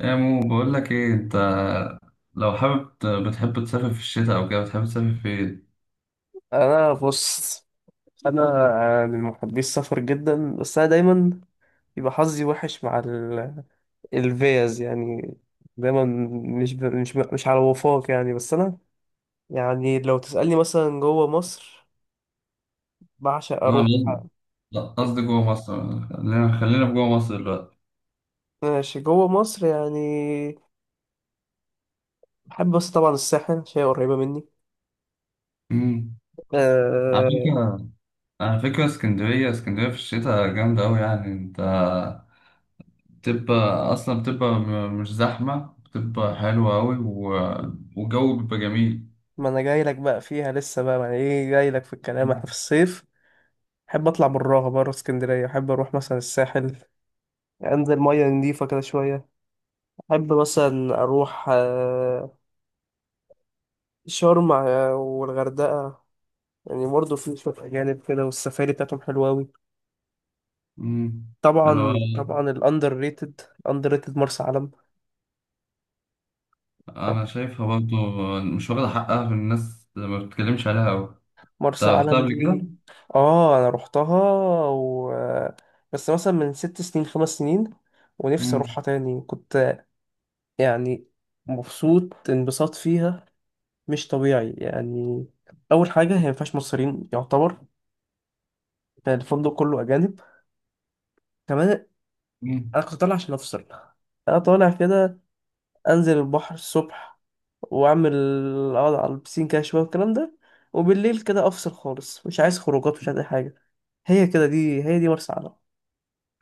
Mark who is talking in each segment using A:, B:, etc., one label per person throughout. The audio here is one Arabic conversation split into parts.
A: يا مو بقول لك ايه انت؟ لو حابب بتحب تسافر في الشتاء او كده، بتحب تسافر فين؟
B: انا بص. انا من محبي السفر جدا، بس انا دايما يبقى حظي وحش مع الفيز يعني. دايما مش على وفاق يعني. بس انا يعني لو تسألني مثلا جوه مصر، بعشق
A: انا
B: اروح.
A: قصدي لا، قصدي جوه مصر، خلينا في جوه مصر دلوقتي.
B: ماشي، جوه مصر يعني بحب، بس طبعا الساحل عشان هي قريبة مني.
A: امم. على
B: أه...
A: فكرة، اسكندرية، اسكندرية في الشتاء جامدة أوي. يعني انت بتبقى أصلا بتبقى مش زحمة، بتبقى حلوة أوي، والجو بيبقى جميل.
B: ما انا جاي لك بقى فيها لسه بقى، يعني ايه جاي لك في الكلام؟ احنا في الصيف بحب اطلع براها، بره اسكندرية. بحب اروح مثلا الساحل، انزل ميه نضيفه كده شويه. احب مثلا اروح شرم والغردقه. يعني برضه في شويه اجانب كده، والسفاري بتاعتهم حلوه قوي.
A: امم. أنا
B: طبعا طبعا الاندر ريتد، اندر ريتد مرسى علم.
A: أنا شايفها برضه مش واخدة حقها، في الناس ما بتتكلمش عليها أوي. انت
B: مرسى
A: رحتها
B: علم
A: قبل
B: دي،
A: كده؟
B: اه انا روحتها و... بس مثلا من 6 سنين، 5 سنين، ونفسي
A: مم.
B: اروحها تاني. كنت يعني مبسوط، انبساط فيها مش طبيعي يعني. اول حاجه هي مفيهاش مصريين يعتبر، يعني الفندق كله اجانب. كمان
A: مم.
B: انا كنت طالع عشان افصل. انا طالع كده، انزل البحر الصبح، واعمل اقعد على البسين كده شويه والكلام ده. وبالليل كده افصل خالص، مش عايز خروجات، مش عايز اي حاجه. هي كده، دي هي دي مرسى علم.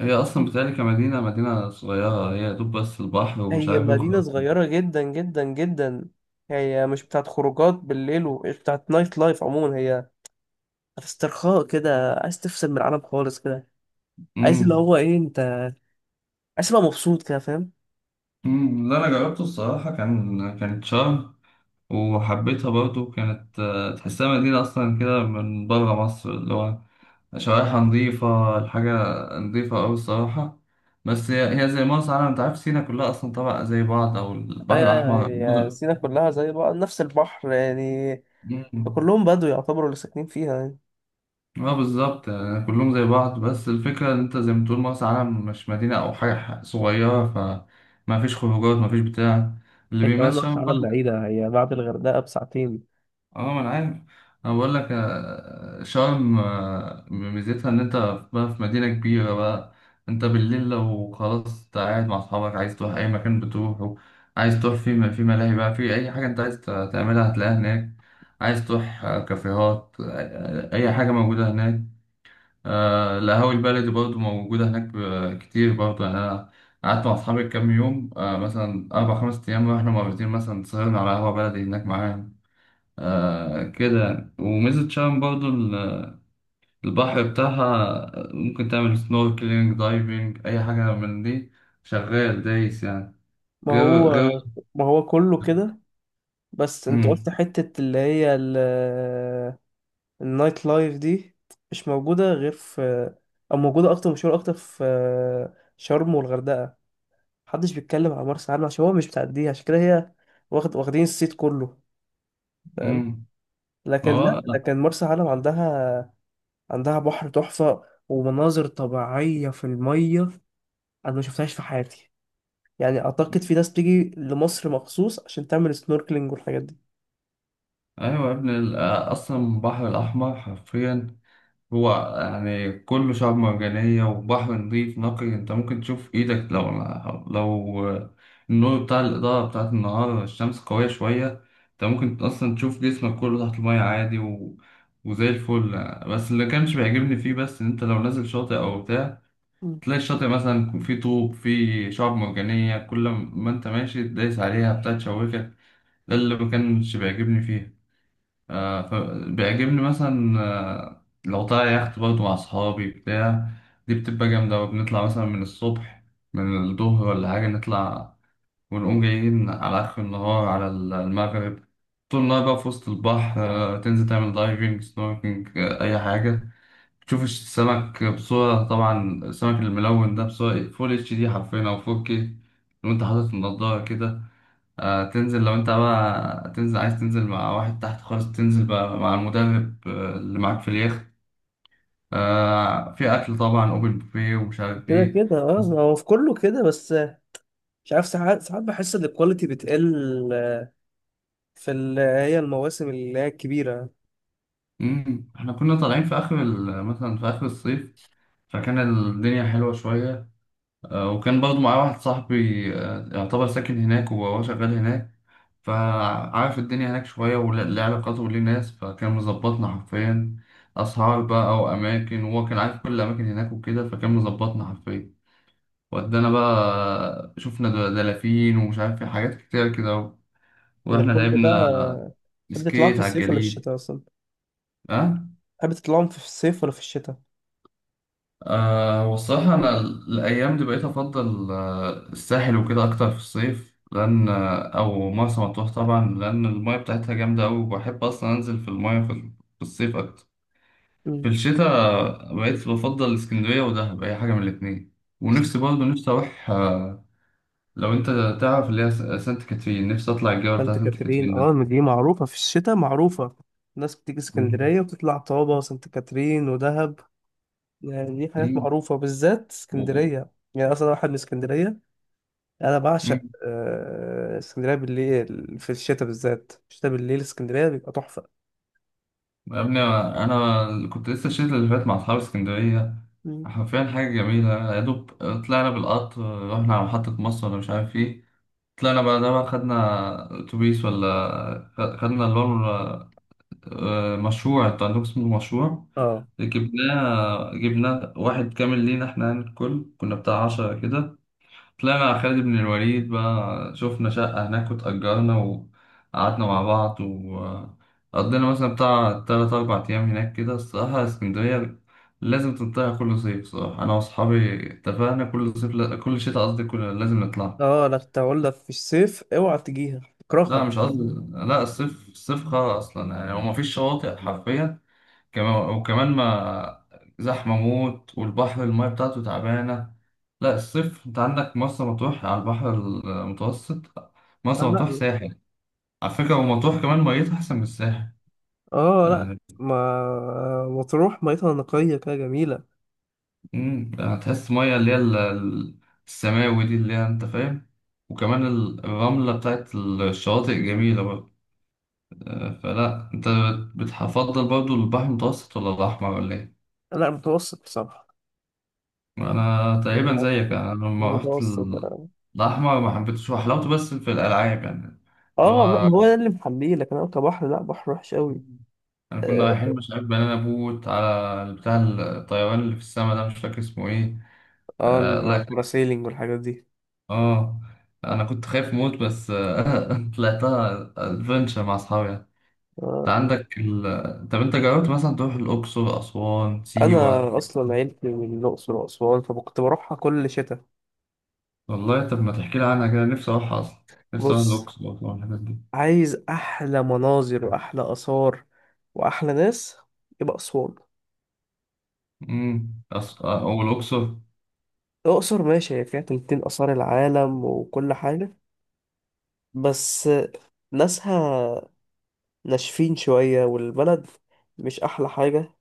A: هي أصلا بتهيألي كمدينة، مدينة صغيرة، هي دوب بس البحر ومش
B: هي
A: عارف إيه
B: مدينه
A: وخلاص.
B: صغيره جدا جدا جدا. هي مش بتاعت خروجات بالليل، ومش بتاعت نايت لايف عموما. هي بتاعت استرخاء كده، عايز تفصل من العالم خالص كده. عايز اللي
A: مم.
B: هو ايه انت، عايز تبقى مبسوط كده، فاهم.
A: مم. لا، أنا جربته الصراحة، كانت شرم، وحبيتها برضو. كانت تحسها مدينة أصلا كده من بره مصر، اللي هو شوارعها نظيفة، نظيفة أوي الصراحة. بس هي زي مرسى علم. أنت عارف سينا كلها أصلا طبعا زي بعض، أو
B: اي
A: البحر الأحمر.
B: اي. يعني سينا كلها زي بعض، نفس البحر يعني.
A: مم.
B: فكلهم بدو يعتبروا اللي ساكنين فيها يعني.
A: اه، بالظبط، يعني كلهم زي بعض. بس الفكرة ان انت زي ما تقول مرسى علم مش مدينة او حاجة، صغيرة، فما فيش خروجات، ما فيش بتاع اللي
B: هي كمان
A: بيميز
B: مرسى
A: شرم
B: علم
A: بقى.
B: بعيدة، هي بعد الغردقة بساعتين.
A: اه، ما انا عارف. انا بقول لك شرم، ميزتها ان انت بقى في مدينة كبيرة بقى. انت بالليل لو خلاص انت قاعد مع اصحابك عايز تروح اي مكان بتروحه. عايز تروح في ملاهي بقى، في اي حاجة انت عايز تعملها هتلاقيها هناك. عايز تروح كافيهات، اي حاجة موجودة هناك. القهاوي البلدي برضه موجودة هناك كتير برضه. يعني أنا قعدت مع أصحابي كام يوم، مثلا 4 5 أيام، رحنا مرتين مثلا، سهرنا على قهوة بلدي هناك معاهم كده يعني. وميزة شرم برضه البحر بتاعها، ممكن تعمل سنوركلينج، دايفنج، أي حاجة من دي، شغال دايس يعني.
B: ما
A: غير
B: هو
A: غير
B: ما هو كله كده. بس انت قلت
A: مم.
B: حتة اللي هي النايت لايف دي مش موجودة غير في، او موجودة اكتر، مشهورة اكتر في شرم والغردقة. محدش بيتكلم على مرسى علم عشان هو مش بتعديها، عشان كده هي واخدين الصيت كله، فاهم.
A: مم.
B: لكن لا،
A: هو
B: لكن مرسى علم عندها، عندها بحر تحفة ومناظر طبيعية في المية انا ما شفتهاش في حياتي. يعني اعتقد في ناس بتيجي لمصر مخصوص عشان تعمل سنوركلينج والحاجات دي.
A: أيوة يا ابني، أصلا البحر الأحمر حرفيا هو يعني كله شعب مرجانية وبحر نظيف نقي. انت ممكن تشوف ايدك لو النور بتاع الإضاءة بتاعت النهار، الشمس قوية شوية، انت ممكن اصلا تشوف جسمك كله تحت المية عادي، وزي الفل. بس اللي كانش بيعجبني فيه، بس، ان انت لو نازل شاطئ او بتاع،
B: مم.
A: تلاقي الشاطئ مثلا يكون فيه طوب، فيه شعب مرجانية، كل ما انت ماشي تدايس عليها بتاع تشوكك. ده اللي ما كانش بيعجبني فيه. فبيعجبني مثلا لو طالع يخت برضه مع أصحابي بتاع، دي بتبقى جامدة. بنطلع مثلا من الصبح، من الظهر ولا حاجة نطلع، ونقوم جايين على آخر النهار، على المغرب. طول النهار بقى في وسط البحر، تنزل تعمل دايفنج، سنوركينج، أي حاجة، تشوف السمك بصورة، طبعا السمك الملون ده، بصورة فول اتش دي حرفيا أو 4K، وأنت حاطط النضارة كده. تنزل لو انت بقى تنزل، عايز تنزل مع واحد تحت خالص، تنزل بقى مع المدرب اللي معاك في اليخت. في اكل طبعا، اوبن بوفيه ومش عارف
B: كده
A: ايه.
B: كده اه، ما هو في كله كده، بس مش عارف ساعات ساعات بحس ان الكواليتي بتقل في اللي هي المواسم اللي هي الكبيرة.
A: احنا كنا طالعين في اخر مثلا في اخر الصيف، فكان الدنيا حلوة شوية. وكان برضو معايا واحد صاحبي يعتبر ساكن هناك وهو شغال هناك، فعارف الدنيا هناك شوية وليه علاقاته وليه ناس. فكان مظبطنا حرفيا، أسعار بقى وأماكن، وهو كان عارف كل الأماكن هناك وكده فكان مظبطنا حرفيا. ودانا بقى شفنا دلافين ومش عارف، في حاجات كتير كده
B: ده
A: واحنا
B: كل ده
A: لعبنا
B: بقى. تحب تطلعهم في
A: سكيت على
B: الصيف ولا
A: الجليد.
B: الشتاء اصلا؟
A: ها.
B: تحب تطلعهم في الصيف ولا في الشتاء؟
A: والصراحة أنا الأيام دي بقيت أفضل الساحل وكده أكتر في الصيف، لأن أو مرسى مطروح طبعا، لأن الماية بتاعتها جامدة أوي، وبحب أصلا أنزل في الماية في في الصيف أكتر. في
B: مم.
A: الشتاء بقيت بفضل اسكندرية ودهب، أي حاجة من الاتنين. ونفسي برضه نفسي أروح، لو أنت تعرف اللي هي سانت كاترين. نفسي أطلع الجبل
B: فانت
A: بتاع سانت
B: كاترين،
A: كاترين
B: اه ما دي معروفة في الشتاء، معروفة. الناس بتيجي
A: ده.
B: اسكندرية وبتطلع طابة وسانت كاترين ودهب. يعني دي حاجات
A: مم.
B: معروفة، بالذات اسكندرية يعني، أصلا أنا واحد من اسكندرية. أنا
A: مم.
B: بعشق اسكندرية بالليل في الشتاء، بالذات الشتاء بالليل اسكندرية بيبقى تحفة.
A: يا ابني انا كنت لسه الشتا اللي فات مع اصحاب اسكندريه،
B: مم.
A: حرفيا حاجه جميله يا دوب. طلعنا بالقطر، رحنا على محطه مصر ولا مش عارف ايه. طلعنا بعدها بقى، خدنا اتوبيس ولا، خدنا اللي هو مشروع، انتوا عندكم اسمه مشروع،
B: اه
A: جبناه واحد كامل لينا احنا، يعني الكل كنا بتاع 10 كده. طلعنا على خالد بن الوليد بقى، شفنا شقة هناك وتأجرنا وقعدنا مع بعض، وقضينا مثلا بتاع 3 4 أيام هناك كده. الصراحة اسكندرية لازم تنطلع كل صيف. صراحة أنا وأصحابي اتفقنا كل صيف، كل شتاء قصدي، لازم نطلع.
B: اه، لا كنت هقول لك في الصيف اوعى تجيها
A: لا،
B: اكرهها.
A: مش قصدي، لا، الصيف الصيف خرا أصلا يعني، هو مفيش شواطئ حرفيا. كمان وكمان ما، زحمة موت، والبحر المية بتاعته تعبانة. لا الصيف انت عندك مرسى مطروح على البحر المتوسط، مرسى
B: اه
A: مطروح
B: لا.
A: ساحل على فكرة، ومطروح كمان ميتها أحسن من الساحل.
B: اه لا.
A: آه.
B: ما مطروح ميتها نقية كده جميلة.
A: هتحس مية اللي هي السماوي دي اللي هي انت فاهم، وكمان الرملة بتاعت الشواطئ جميلة برضه. فلا انت بتفضل برضه البحر المتوسط ولا الأحمر ولا ايه؟
B: لا متوسط بصراحة.
A: انا تقريبا
B: انا
A: زيك. انا لما رحت
B: متوسط.
A: الاحمر ما حبيتش، وحلاوته بس في الالعاب يعني، اللي
B: اه لا،
A: هو
B: ما هو ده اللي محميه، لكن انا كبحر لا، بحر وحش قوي.
A: انا كنا
B: اه
A: رايحين، مش عارف، بنانا بوت على بتاع الطيران اللي في السما ده مش فاكر اسمه ايه. آه لا.
B: الباراسيلينج والحاجات دي.
A: اه. انا كنت خايف موت، بس آه طلعتها ادفنتشر مع اصحابي يعني. انت عندك طب انت جربت مثلا تروح الاقصر، اسوان، سيوه؟
B: انا اصلا عيلتي من الاقصر واسوان، فكنت بروحها كل شتاء.
A: والله، طب ما تحكي لي عنها كده، نفسي اروح اصلا. نفسي اروح
B: بص،
A: الاقصر واسوان، الحتت دي.
B: عايز احلى مناظر واحلى اثار واحلى ناس، يبقى اسوان.
A: والاقصر.
B: الاقصر ماشي، هي فيها تلتين اثار العالم وكل حاجه، بس ناسها ناشفين شويه، والبلد مش احلى حاجه.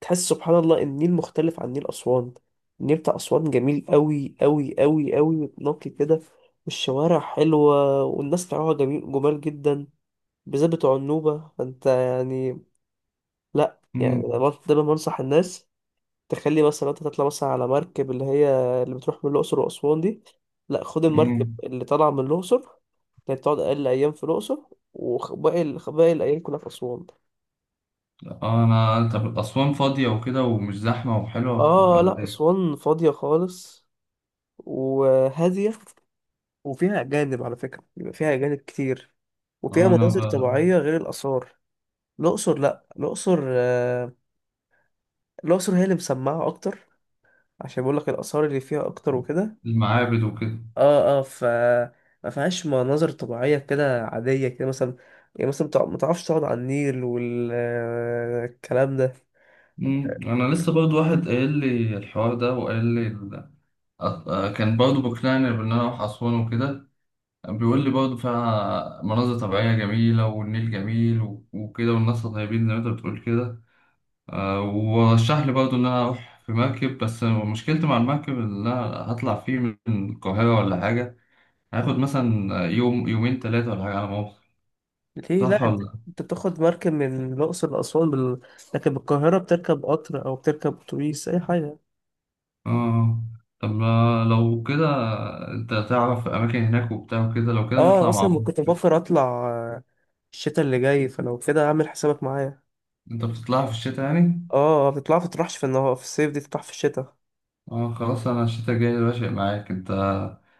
B: تحس سبحان الله ان النيل مختلف عن نيل اسوان. النيل بتاع اسوان جميل قوي قوي قوي قوي، نقي كده. والشوارع حلوه، والناس بتاعها جميل، جمال جدا، بالذات بتوع النوبة. فانت يعني لا، يعني
A: مم.
B: أنا دايما بنصح الناس تخلي مثلا لو انت تطلع مثلا على مركب اللي هي اللي بتروح من الأقصر وأسوان دي، لا خد المركب
A: مم.
B: اللي طالعة من الأقصر اللي بتقعد أقل أيام في الأقصر، وباقي الأيام كلها في أسوان.
A: اه، انا طب اسوان فاضيه وكده ومش زحمه وحلوه
B: اه
A: ولا
B: لا
A: ايه؟
B: أسوان فاضية خالص، وهادية، وفيها أجانب على فكرة، بيبقى فيها أجانب كتير. وفيها
A: اه انا
B: مناظر
A: بقى.
B: طبيعية غير الآثار. الأقصر لا، الأقصر الأقصر هي اللي مسمعة أكتر، عشان بقول لك الآثار اللي فيها أكتر وكده.
A: المعابد وكده.
B: اه اه ما فيهاش مناظر طبيعية كده عادية كده مثلا، يعني مثلا ما تعرفش تقعد على النيل والكلام ده.
A: مم. انا لسه برضو واحد قايل لي الحوار ده وقال لي كان برضو بقنعني بان انا اروح اسوان وكده. بيقول لي برضو فيها مناظر طبيعيه جميله، والنيل جميل وكده، والناس طيبين زي ما انت بتقول كده. ورشح لي برضو ان انا اروح في مركب، بس مشكلتي مع المركب ان انا هطلع فيه من القاهره ولا حاجه، هاخد مثلا يوم يومين 3 ولا حاجة على ما أوصل.
B: ليه؟
A: صح
B: لا، انت
A: ولا؟
B: انت بتاخد مركب من الأقصر لأسوان لكن بالقاهرة بتركب قطر أو بتركب أتوبيس أي حاجة.
A: اه. طب ما لو كده انت تعرف اماكن هناك وبتاع وكده، لو كده
B: اه،
A: نطلع مع
B: أصلا
A: بعض.
B: ما كنت بفكر أطلع آه، الشتاء اللي جاي، فلو كده أعمل حسابك معايا.
A: انت بتطلع في الشتاء يعني؟
B: اه بتطلع، ما تطرحش في النهار، في الصيف دي تطرح في الشتاء.
A: اه خلاص، انا الشتاء الجاي باشا معاك انت،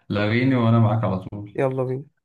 A: لاغيني وانا معاك على طول.
B: يلا بينا.